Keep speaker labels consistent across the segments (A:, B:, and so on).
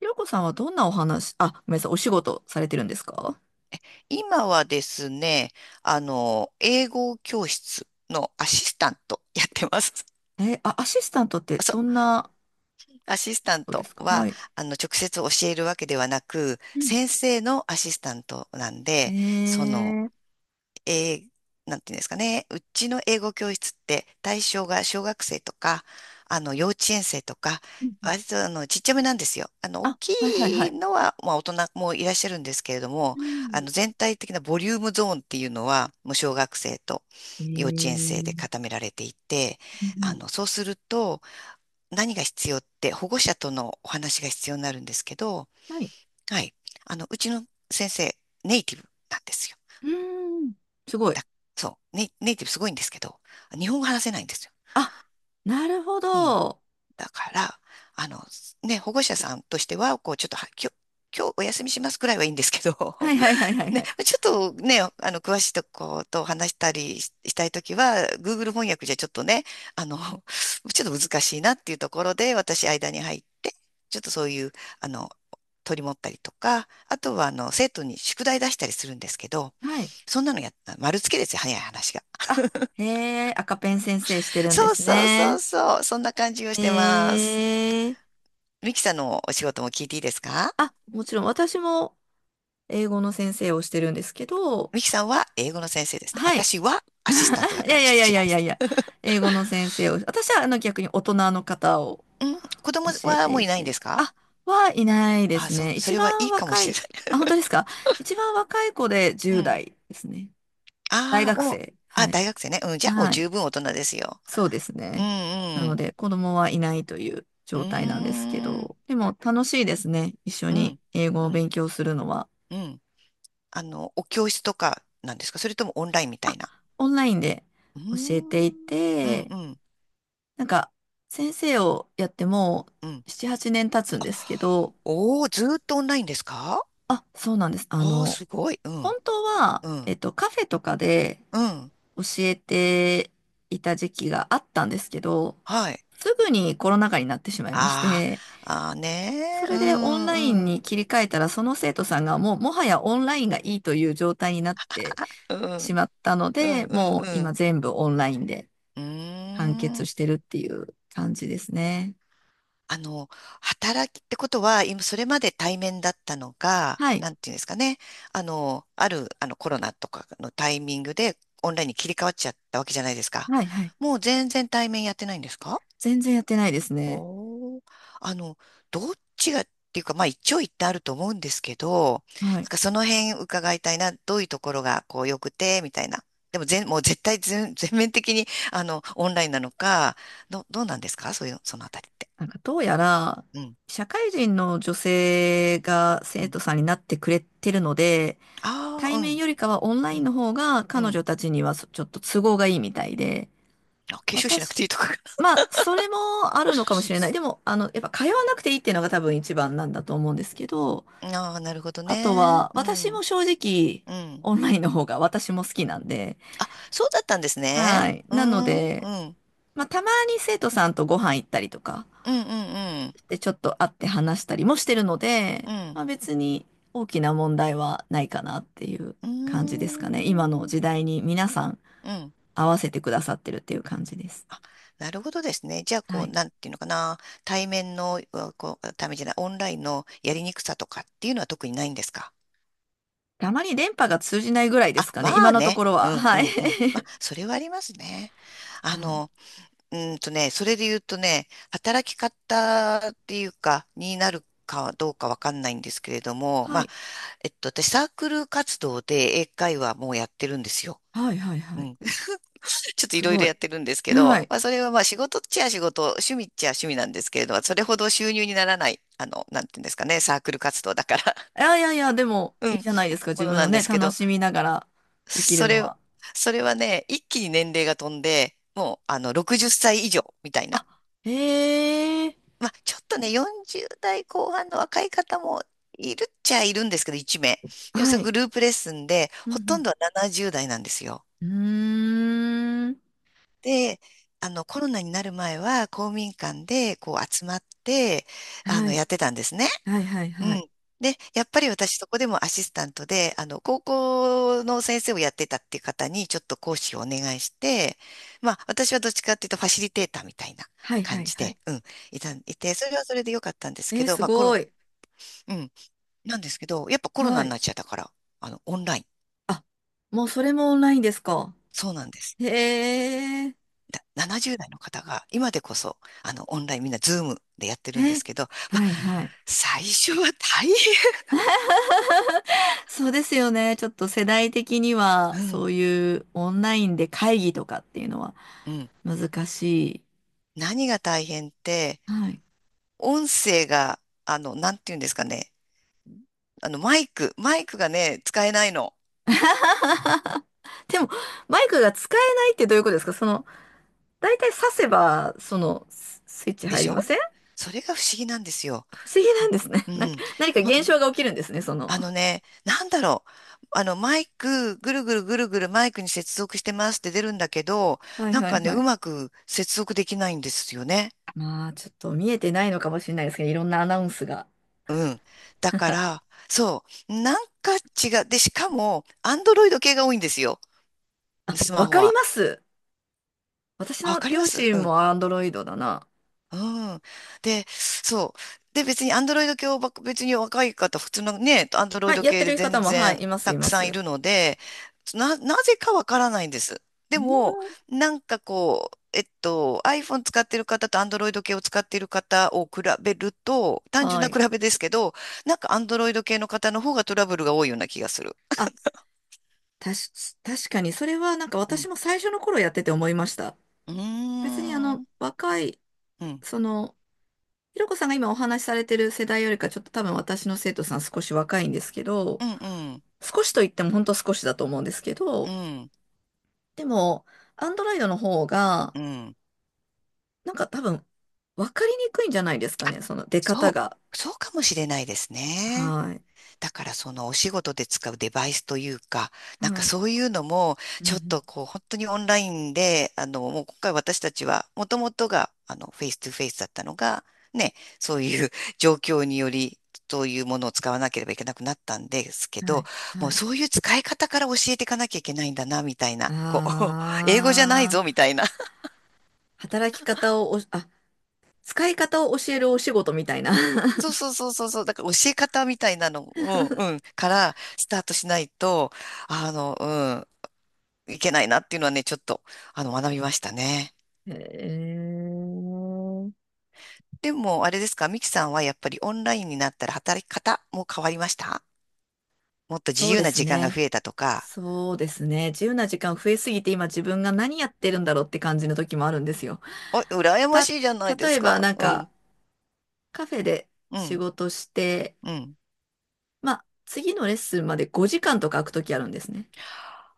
A: ひろこさんはどんなお話、あ、ごめんなさい、お仕事されてるんですか？
B: 今はですね、英語教室のアシスタントやってます。
A: え、あ、アシスタントって
B: そう、
A: どんな
B: アシスタン
A: ことで
B: ト
A: すか？は
B: は、
A: い。
B: 直接教えるわけではなく、
A: うん。
B: 先生のアシスタントなんで、その、
A: うん
B: えーなんていうんですかね、うちの英語教室って対象が小学生とか、幼稚園生とか、
A: うん。
B: 割とちっちゃめなんですよ。あの大
A: あ、はいはいは
B: きい
A: い。
B: のは、まあ、大人もいらっしゃるんですけれども、
A: うん。
B: 全体的なボリュームゾーンっていうのは、もう小学生と
A: え
B: 幼稚園生
A: ー、
B: で固められていて、
A: はい。
B: そうすると何が必要って保護者とのお話が必要になるんですけど、
A: はい。
B: はい、うちの先生、ネイティブなんですよ。
A: うーん、すごい。
B: だ、そう、ネイティブすごいんですけど、日本語話せないんですよ。
A: あ、なるほ
B: うん。
A: ど。
B: だから、あの、ね、保護者さんとしては、こう、ちょっとは、今日お休みしますくらいはいいんですけど、
A: はいはいはいは いは
B: ね、
A: い。
B: ちょっとね、詳しいとこと話したりししたいときは、Google 翻訳じゃちょっとね、あの、ちょっと難しいなっていうところで、私間に入って、ちょっとそういう、あの、取り持ったりとか、あとは、生徒に宿題出したりするんですけど、
A: はい。
B: そんなのやった、丸つけですよ、早い話が。
A: あ、へえ。赤ペン先生してるんで
B: そう
A: す
B: そうそう
A: ね。
B: そう。そんな感じをし
A: へ
B: てます。
A: えー。
B: ミキさんのお仕事も聞いていいですか？
A: あ、もちろん私も英語の先生をしてるんですけど、
B: ミキさんは英語の先生ですね。
A: はい。
B: 私はアシスタントだ
A: い
B: か
A: や
B: ら
A: い
B: ち
A: や
B: ょ
A: い
B: っ
A: やい
B: と違
A: や
B: い
A: い
B: ま
A: やい
B: す。
A: や、英語の先生を、私は逆に大人の方を
B: うん。子供
A: 教え
B: は
A: て
B: もう
A: い
B: いないんで
A: て、
B: すか？
A: あ、はいないで
B: あ、
A: す
B: そう。
A: ね。
B: そ
A: 一
B: れはい
A: 番
B: いかも
A: 若
B: しれな
A: い、
B: い。
A: あ、本当ですか？一番若い子で
B: う
A: 10
B: ん。
A: 代ですね。大
B: ああ、
A: 学
B: もう、
A: 生。
B: あ、
A: はい。
B: 大学生ね。うん。じゃあもう
A: はい。
B: 十分大人ですよ。
A: そうです
B: うん
A: ね。な
B: う
A: の
B: ん。
A: で、子供はいないという
B: うー
A: 状態なんですけ
B: ん。
A: ど、でも楽しいですね。一緒
B: う
A: に
B: ん。
A: 英語
B: う
A: を
B: ん。
A: 勉強するのは。
B: うん。お教室とかなんですか？それともオンラインみた
A: あ、
B: いな。
A: オンラインで
B: うー
A: 教えてい
B: ん。うん
A: て、
B: うん。
A: なんか、先生をやってもう
B: うん。
A: 7、8年経つんですけど、
B: おー、ずーっとオンラインですか？
A: あ、そうなんです。
B: おー、すごい。う
A: 本
B: ん、
A: 当は、
B: うん、
A: カフェとかで
B: うん。
A: 教えていた時期があったんですけど、
B: はい。
A: すぐにコロナ禍になってしまいまし
B: あ
A: て、
B: ー、あー
A: そ
B: ねー。う
A: れでオンライン
B: ん、うん、
A: に切り替えたら、その生徒さんがもう、もはやオンラインがいいという状態になって
B: うん、
A: しまったの
B: うん、
A: で、
B: う
A: もう
B: ん、う
A: 今
B: ん。
A: 全部オンラインで
B: うー
A: 完結
B: ん。
A: してるっていう感じですね。
B: あの、働きってことは、今、それまで対面だったのが、
A: はい。
B: なんていうんですかね。あの、ある、あの、コロナとかのタイミングで、オンラインに切り替わっちゃったわけじゃないですか。
A: はい、はい。
B: もう全然対面やってないんですか？
A: 全然やってないですね。
B: おー、あの、どっちがっていうか、まあ一長一短あると思うんですけど、
A: は
B: なん
A: い。
B: かその辺伺いたいな、どういうところがこう良くて、みたいな。でも全、もう絶対全、全面的に、オンラインなのか、どうなんですか？そういう、そのあたりって。
A: なんかどうやら、
B: うん、
A: 社会人の女性が
B: う
A: 生
B: ん。
A: 徒さんになってくれてるので、
B: あ
A: 対
B: あ、う
A: 面
B: ん、
A: よりかはオンラ
B: う
A: イン
B: ん、
A: の方が
B: う
A: 彼女
B: ん。
A: たちにはちょっと都合がいいみたいで、
B: あ、化粧しなく
A: 私、
B: ていいとかか
A: まあ、それもあるのかもしれない。でも、やっぱ通わなくていいっていうのが多分一番なんだと思うんですけど、
B: な。ああ、なるほど
A: あと
B: ね。
A: は、
B: う
A: 私も
B: ん、
A: 正直、
B: うん。
A: オンラインの方が私も好きなんで、
B: あ、そうだったんですね。
A: はい。
B: う
A: なの
B: ん、うん、う
A: で、
B: ん、
A: まあ、たまに生徒さんとご飯行ったりとか、
B: うん、うん、
A: で、ちょっと会って話したりもしてるので、
B: うん、
A: まあ、別に大きな問題はないかなっていう
B: うー
A: 感じですかね。今の
B: ん、
A: 時代に皆さん
B: うん。
A: 合わせてくださってるっていう感じです。
B: なるほどですね。じゃあ、
A: は
B: こう、
A: い。
B: なんていうのかな。対面の、うこう、ためじゃない、オンラインのやりにくさとかっていうのは特にないんですか？
A: あまり電波が通じないぐらいで
B: あ、
A: すか
B: ま
A: ね。今
B: あ
A: のと
B: ね。
A: ころ
B: う
A: は。
B: んう
A: はい。
B: んうん。まあ、それはありますね。あ
A: はい。
B: の、ね、それで言うとね、働き方っていうか、になるかどうかわかんないんですけれども、
A: は
B: まあ、
A: い。
B: えっと、私、サークル活動で英会話もやってるんですよ。
A: はい。はい。は
B: う
A: い。
B: ん、ちょっとい
A: す
B: ろいろ
A: ご
B: や
A: い。
B: ってるんですけ
A: は
B: ど、
A: い。
B: まあ、それはまあ仕事っちゃ仕事、趣味っちゃ趣味なんですけれど、それほど収入にならない、なんていうんですかね、サークル活動だから、
A: いやいやいや、でも
B: う
A: いい
B: ん、
A: じゃないですか。
B: も
A: 自
B: の
A: 分
B: な
A: の
B: んで
A: ね、
B: すけ
A: 楽
B: ど、
A: しみながらできる
B: そ
A: の
B: れ、
A: は。
B: それはね、一気に年齢が飛んで、もう、60歳以上みたい
A: あ、
B: な。
A: へえ。
B: まあ、ちょっとね、40代後半の若い方もいるっちゃいるんですけど、1名。でも、そ
A: は
B: れ
A: い。
B: グループレッスンで、
A: う
B: ほとん
A: ん、
B: どは70代なんですよ。
A: うん。うーん。
B: で、コロナになる前は公民館でこう集まって、
A: はい。
B: やってたんですね。
A: はいはい
B: う
A: は
B: ん。
A: い。
B: で、やっぱり私そこでもアシスタントで、高校の先生をやってたっていう方にちょっと講師をお願いして、まあ、私はどっちかっていうとファシリテーターみたいな
A: はいは
B: 感
A: い
B: じ
A: はい。
B: で、うん、いて、それはそれでよかったんです
A: え
B: け
A: ー、
B: ど、
A: す
B: まあ、コ
A: ご
B: ロ、
A: い。
B: うん、なんですけど、やっぱコロナ
A: は
B: に
A: い。
B: なっちゃったから、オンライン。
A: あ、もうそれもオンラインですか？
B: そうなんです。
A: へえ、
B: な70代の方が、今でこそ、オンラインみんなズームでやってるんで
A: え、
B: すけど、まあ、
A: はいはい。
B: 最初は大変。
A: そうですよね。ちょっと世代的に
B: う
A: は、
B: ん、
A: そういうオンラインで会議とかっていうのは
B: うん。
A: 難しい。
B: 何が大変って、
A: はい。
B: 音声が、なんて言うんですかね。マイクがね、使えないの。
A: でも、マイクが使えないってどういうことですか？その、だいたい挿せば、その、スイッチ
B: で
A: 入
B: し
A: り
B: ょ？
A: ません？
B: それが不思議なんですよ。
A: 不思議なんですね。
B: う
A: なんか、
B: ん。
A: 何か
B: ま、
A: 現象が起きるんですね、その。
B: あのね、なんだろう。あの、マイク、ぐるぐるぐるぐるマイクに接続してますって出るんだけど、
A: はい
B: なん
A: はい
B: かね、
A: は
B: う
A: い。
B: まく接続できないんですよね。
A: まあ、ちょっと見えてないのかもしれないですけど、いろんなアナウンスが。
B: うん。だか ら、そう。なんか違う。で、しかも、アンドロイド系が多いんですよ。スマ
A: わ
B: ホ
A: かり
B: は。
A: ます。私
B: あ、わ
A: の
B: かりま
A: 両
B: す。
A: 親
B: うん。
A: もアンドロイドだな。
B: うん。で、そう。で、別にアンドロイド系をばっか、別に若い方、普通のね、アンドロイ
A: はい、
B: ド
A: やって
B: 系で
A: る方
B: 全
A: も、はい、
B: 然
A: います、
B: た
A: いま
B: くさんい
A: す。
B: るので、なぜかわからないんです。
A: う
B: でも、
A: ん、
B: なんかこう、iPhone 使ってる方と Android 系を使ってる方を比べると、単純
A: は
B: な
A: い。
B: 比べですけど、なんか Android 系の方の方がトラブルが多いような気がする。
A: あ、たし、確かに、それはなんか
B: う
A: 私
B: ん。
A: も最初の頃やってて思いました。
B: うー
A: 別にあの、
B: ん。
A: 若い、
B: うん。
A: その、ひろこさんが今お話しされてる世代よりか、ちょっと多分私の生徒さん少し若いんですけど、
B: うん。うん。
A: 少しと言っても本当少しだと思うんですけ
B: う
A: ど、
B: ん。
A: でも、アンドロイドの方が、
B: うん、
A: なんか多分、わかりにくいんじゃないですかね、その出
B: そ
A: 方
B: う。
A: が。
B: そうかもしれないですね。
A: はい。
B: だからそのお仕事で使うデバイスというか、なんか
A: はい。
B: そういうのも、
A: う
B: ちょっと
A: ん。
B: こう本当にオンラインで、もう今回私たちは、もともとが、フェイストゥフェイスだったのが、ね、そういう 状況により、そういうものを使わなければいけなくなったんですけ
A: うん、は
B: ど、
A: い。
B: も
A: は
B: う
A: い。
B: そういう使い方から教えていかなきゃいけないんだな、みたいな、こう、英語じゃない
A: あ
B: ぞ、み
A: あ、
B: たいな。
A: 働き方をお、あ、使い方を教えるお仕事みたいな。
B: そうそうそうそうそう。だから教え方みたいなの、うんうん、からスタートしないと、あの、うん、いけないなっていうのはね、ちょっと、学びましたね。
A: へえ。
B: でも、あれですか、ミキさんはやっぱりオンラインになったら働き方も変わりました？もっと
A: そ
B: 自
A: う
B: 由
A: で
B: な
A: す
B: 時間が
A: ね。
B: 増えたとか。
A: そうですね。自由な時間増えすぎて今自分が何やってるんだろうって感じの時もあるんですよ。
B: お、羨ま
A: た、
B: しいじゃないで
A: 例
B: す
A: えば
B: か。
A: なん
B: う
A: か
B: ん、
A: カフェで
B: う
A: 仕
B: ん、
A: 事して、
B: うん。
A: まあ次のレッスンまで5時間とか空く時あるんですね。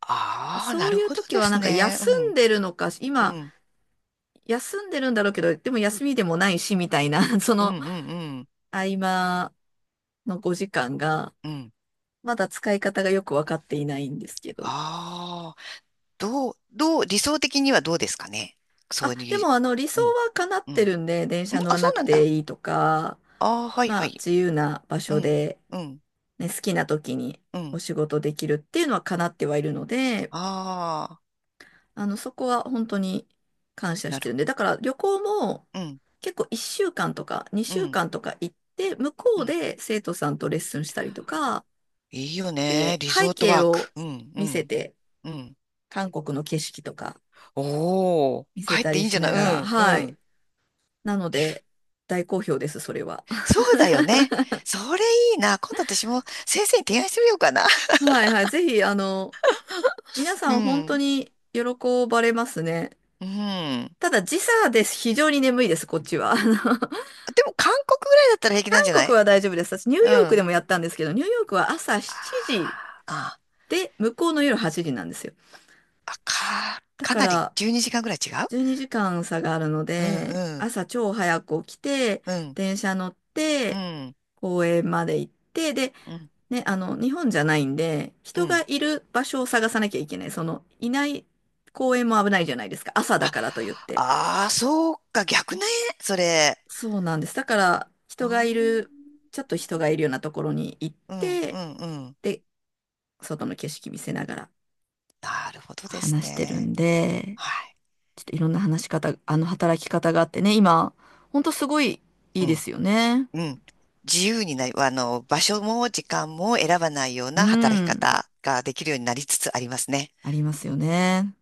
B: ああ、な
A: そう
B: る
A: いう
B: ほど
A: 時
B: で
A: はな
B: す
A: んか
B: ね。う
A: 休ん
B: ん、
A: でるのか、
B: う
A: 今
B: ん、
A: 休んでるんだろうけど、でも休みでもないしみたいな、そ
B: うん、
A: の
B: うん、うん。
A: 合間の5時間が、
B: うん、
A: まだ使い方がよくわかっていないんですけど。
B: ああー、どう、どう、理想的にはどうですかね。そう
A: あ、で
B: い
A: もあの理想
B: う、うん。
A: は叶っ
B: うん。
A: て
B: ん、
A: るんで、電車乗
B: あ、
A: ら
B: そ
A: な
B: う
A: く
B: なん
A: て
B: だ。
A: いいとか、
B: ああ、はいは
A: まあ
B: い。
A: 自由な場
B: う
A: 所
B: ん、
A: で、
B: うん、
A: ね、好きな時に
B: う
A: お
B: ん。
A: 仕事できるっていうのは叶ってはいるので、
B: ああ、
A: そこは本当に感謝し
B: な
A: て
B: る
A: る
B: ほ
A: んで、だから旅行も
B: ど。うん、
A: 結構1週間とか
B: う
A: 2週
B: ん、
A: 間とか行って、向こ
B: う
A: う
B: ん。
A: で生徒さんとレッスンしたりとか、
B: いいよね。
A: で、
B: リ
A: 背
B: ゾート
A: 景
B: ワー
A: を
B: ク。うん、う
A: 見せ
B: ん、
A: て、
B: うん。
A: 韓国の景色とか
B: おお、
A: 見せ
B: 帰っ
A: た
B: てい
A: り
B: いんじ
A: し
B: ゃな
A: な
B: い？う
A: がら、
B: ん、う
A: はい。
B: ん。
A: なの
B: リフ、
A: で、大好評です、それは。
B: そ うだよね。それいいな。今度私も先生に提案してみようかな。
A: はいはい。ぜひ、皆
B: う
A: さん本当
B: ん、
A: に喜ばれますね。
B: うん。
A: ただ、時差です。非常に眠いです、こっちは。
B: でも韓国ぐらいだったら平気なん
A: 韓
B: じゃな
A: 国
B: い？
A: は大丈夫です。私、ニュー
B: うん。
A: ヨークで
B: あ
A: もやったんですけど、ニューヨークは朝
B: ー、
A: 7時
B: あ、
A: で、向こうの夜8時なんですよ。だ
B: か
A: か
B: なり
A: ら、
B: 12時間ぐらい違う？
A: 12時間差があるの
B: う
A: で、
B: ん、うん、
A: 朝超早く起きて、
B: うん、
A: 電車乗っ
B: う
A: て、
B: ん。
A: 公園まで行って、で、
B: うん
A: ね、日本じゃないんで、
B: う
A: 人が
B: ん。
A: いる場所を探さなきゃいけない。その、いない公園も危ないじゃないですか。朝
B: あ、
A: だからと言って。
B: ああ、そうか、逆ね、それ。
A: そうなんです。だから、人
B: あ
A: がい
B: ー、
A: る、ちょっと人がいるようなところに行っ
B: うん、う
A: て、
B: ん、うん。
A: で、外の景色見せながら
B: なるほどです
A: 話してる
B: ね。
A: んで、
B: はい。
A: ちょっといろんな話し方、あの働き方があってね、今、ほんとすごいい
B: う
A: いで
B: ん、
A: すよね。
B: うん。自由になり、場所も時間も選ばないよう
A: う
B: な働き
A: ん、
B: 方ができるようになりつつありますね。
A: ありますよね。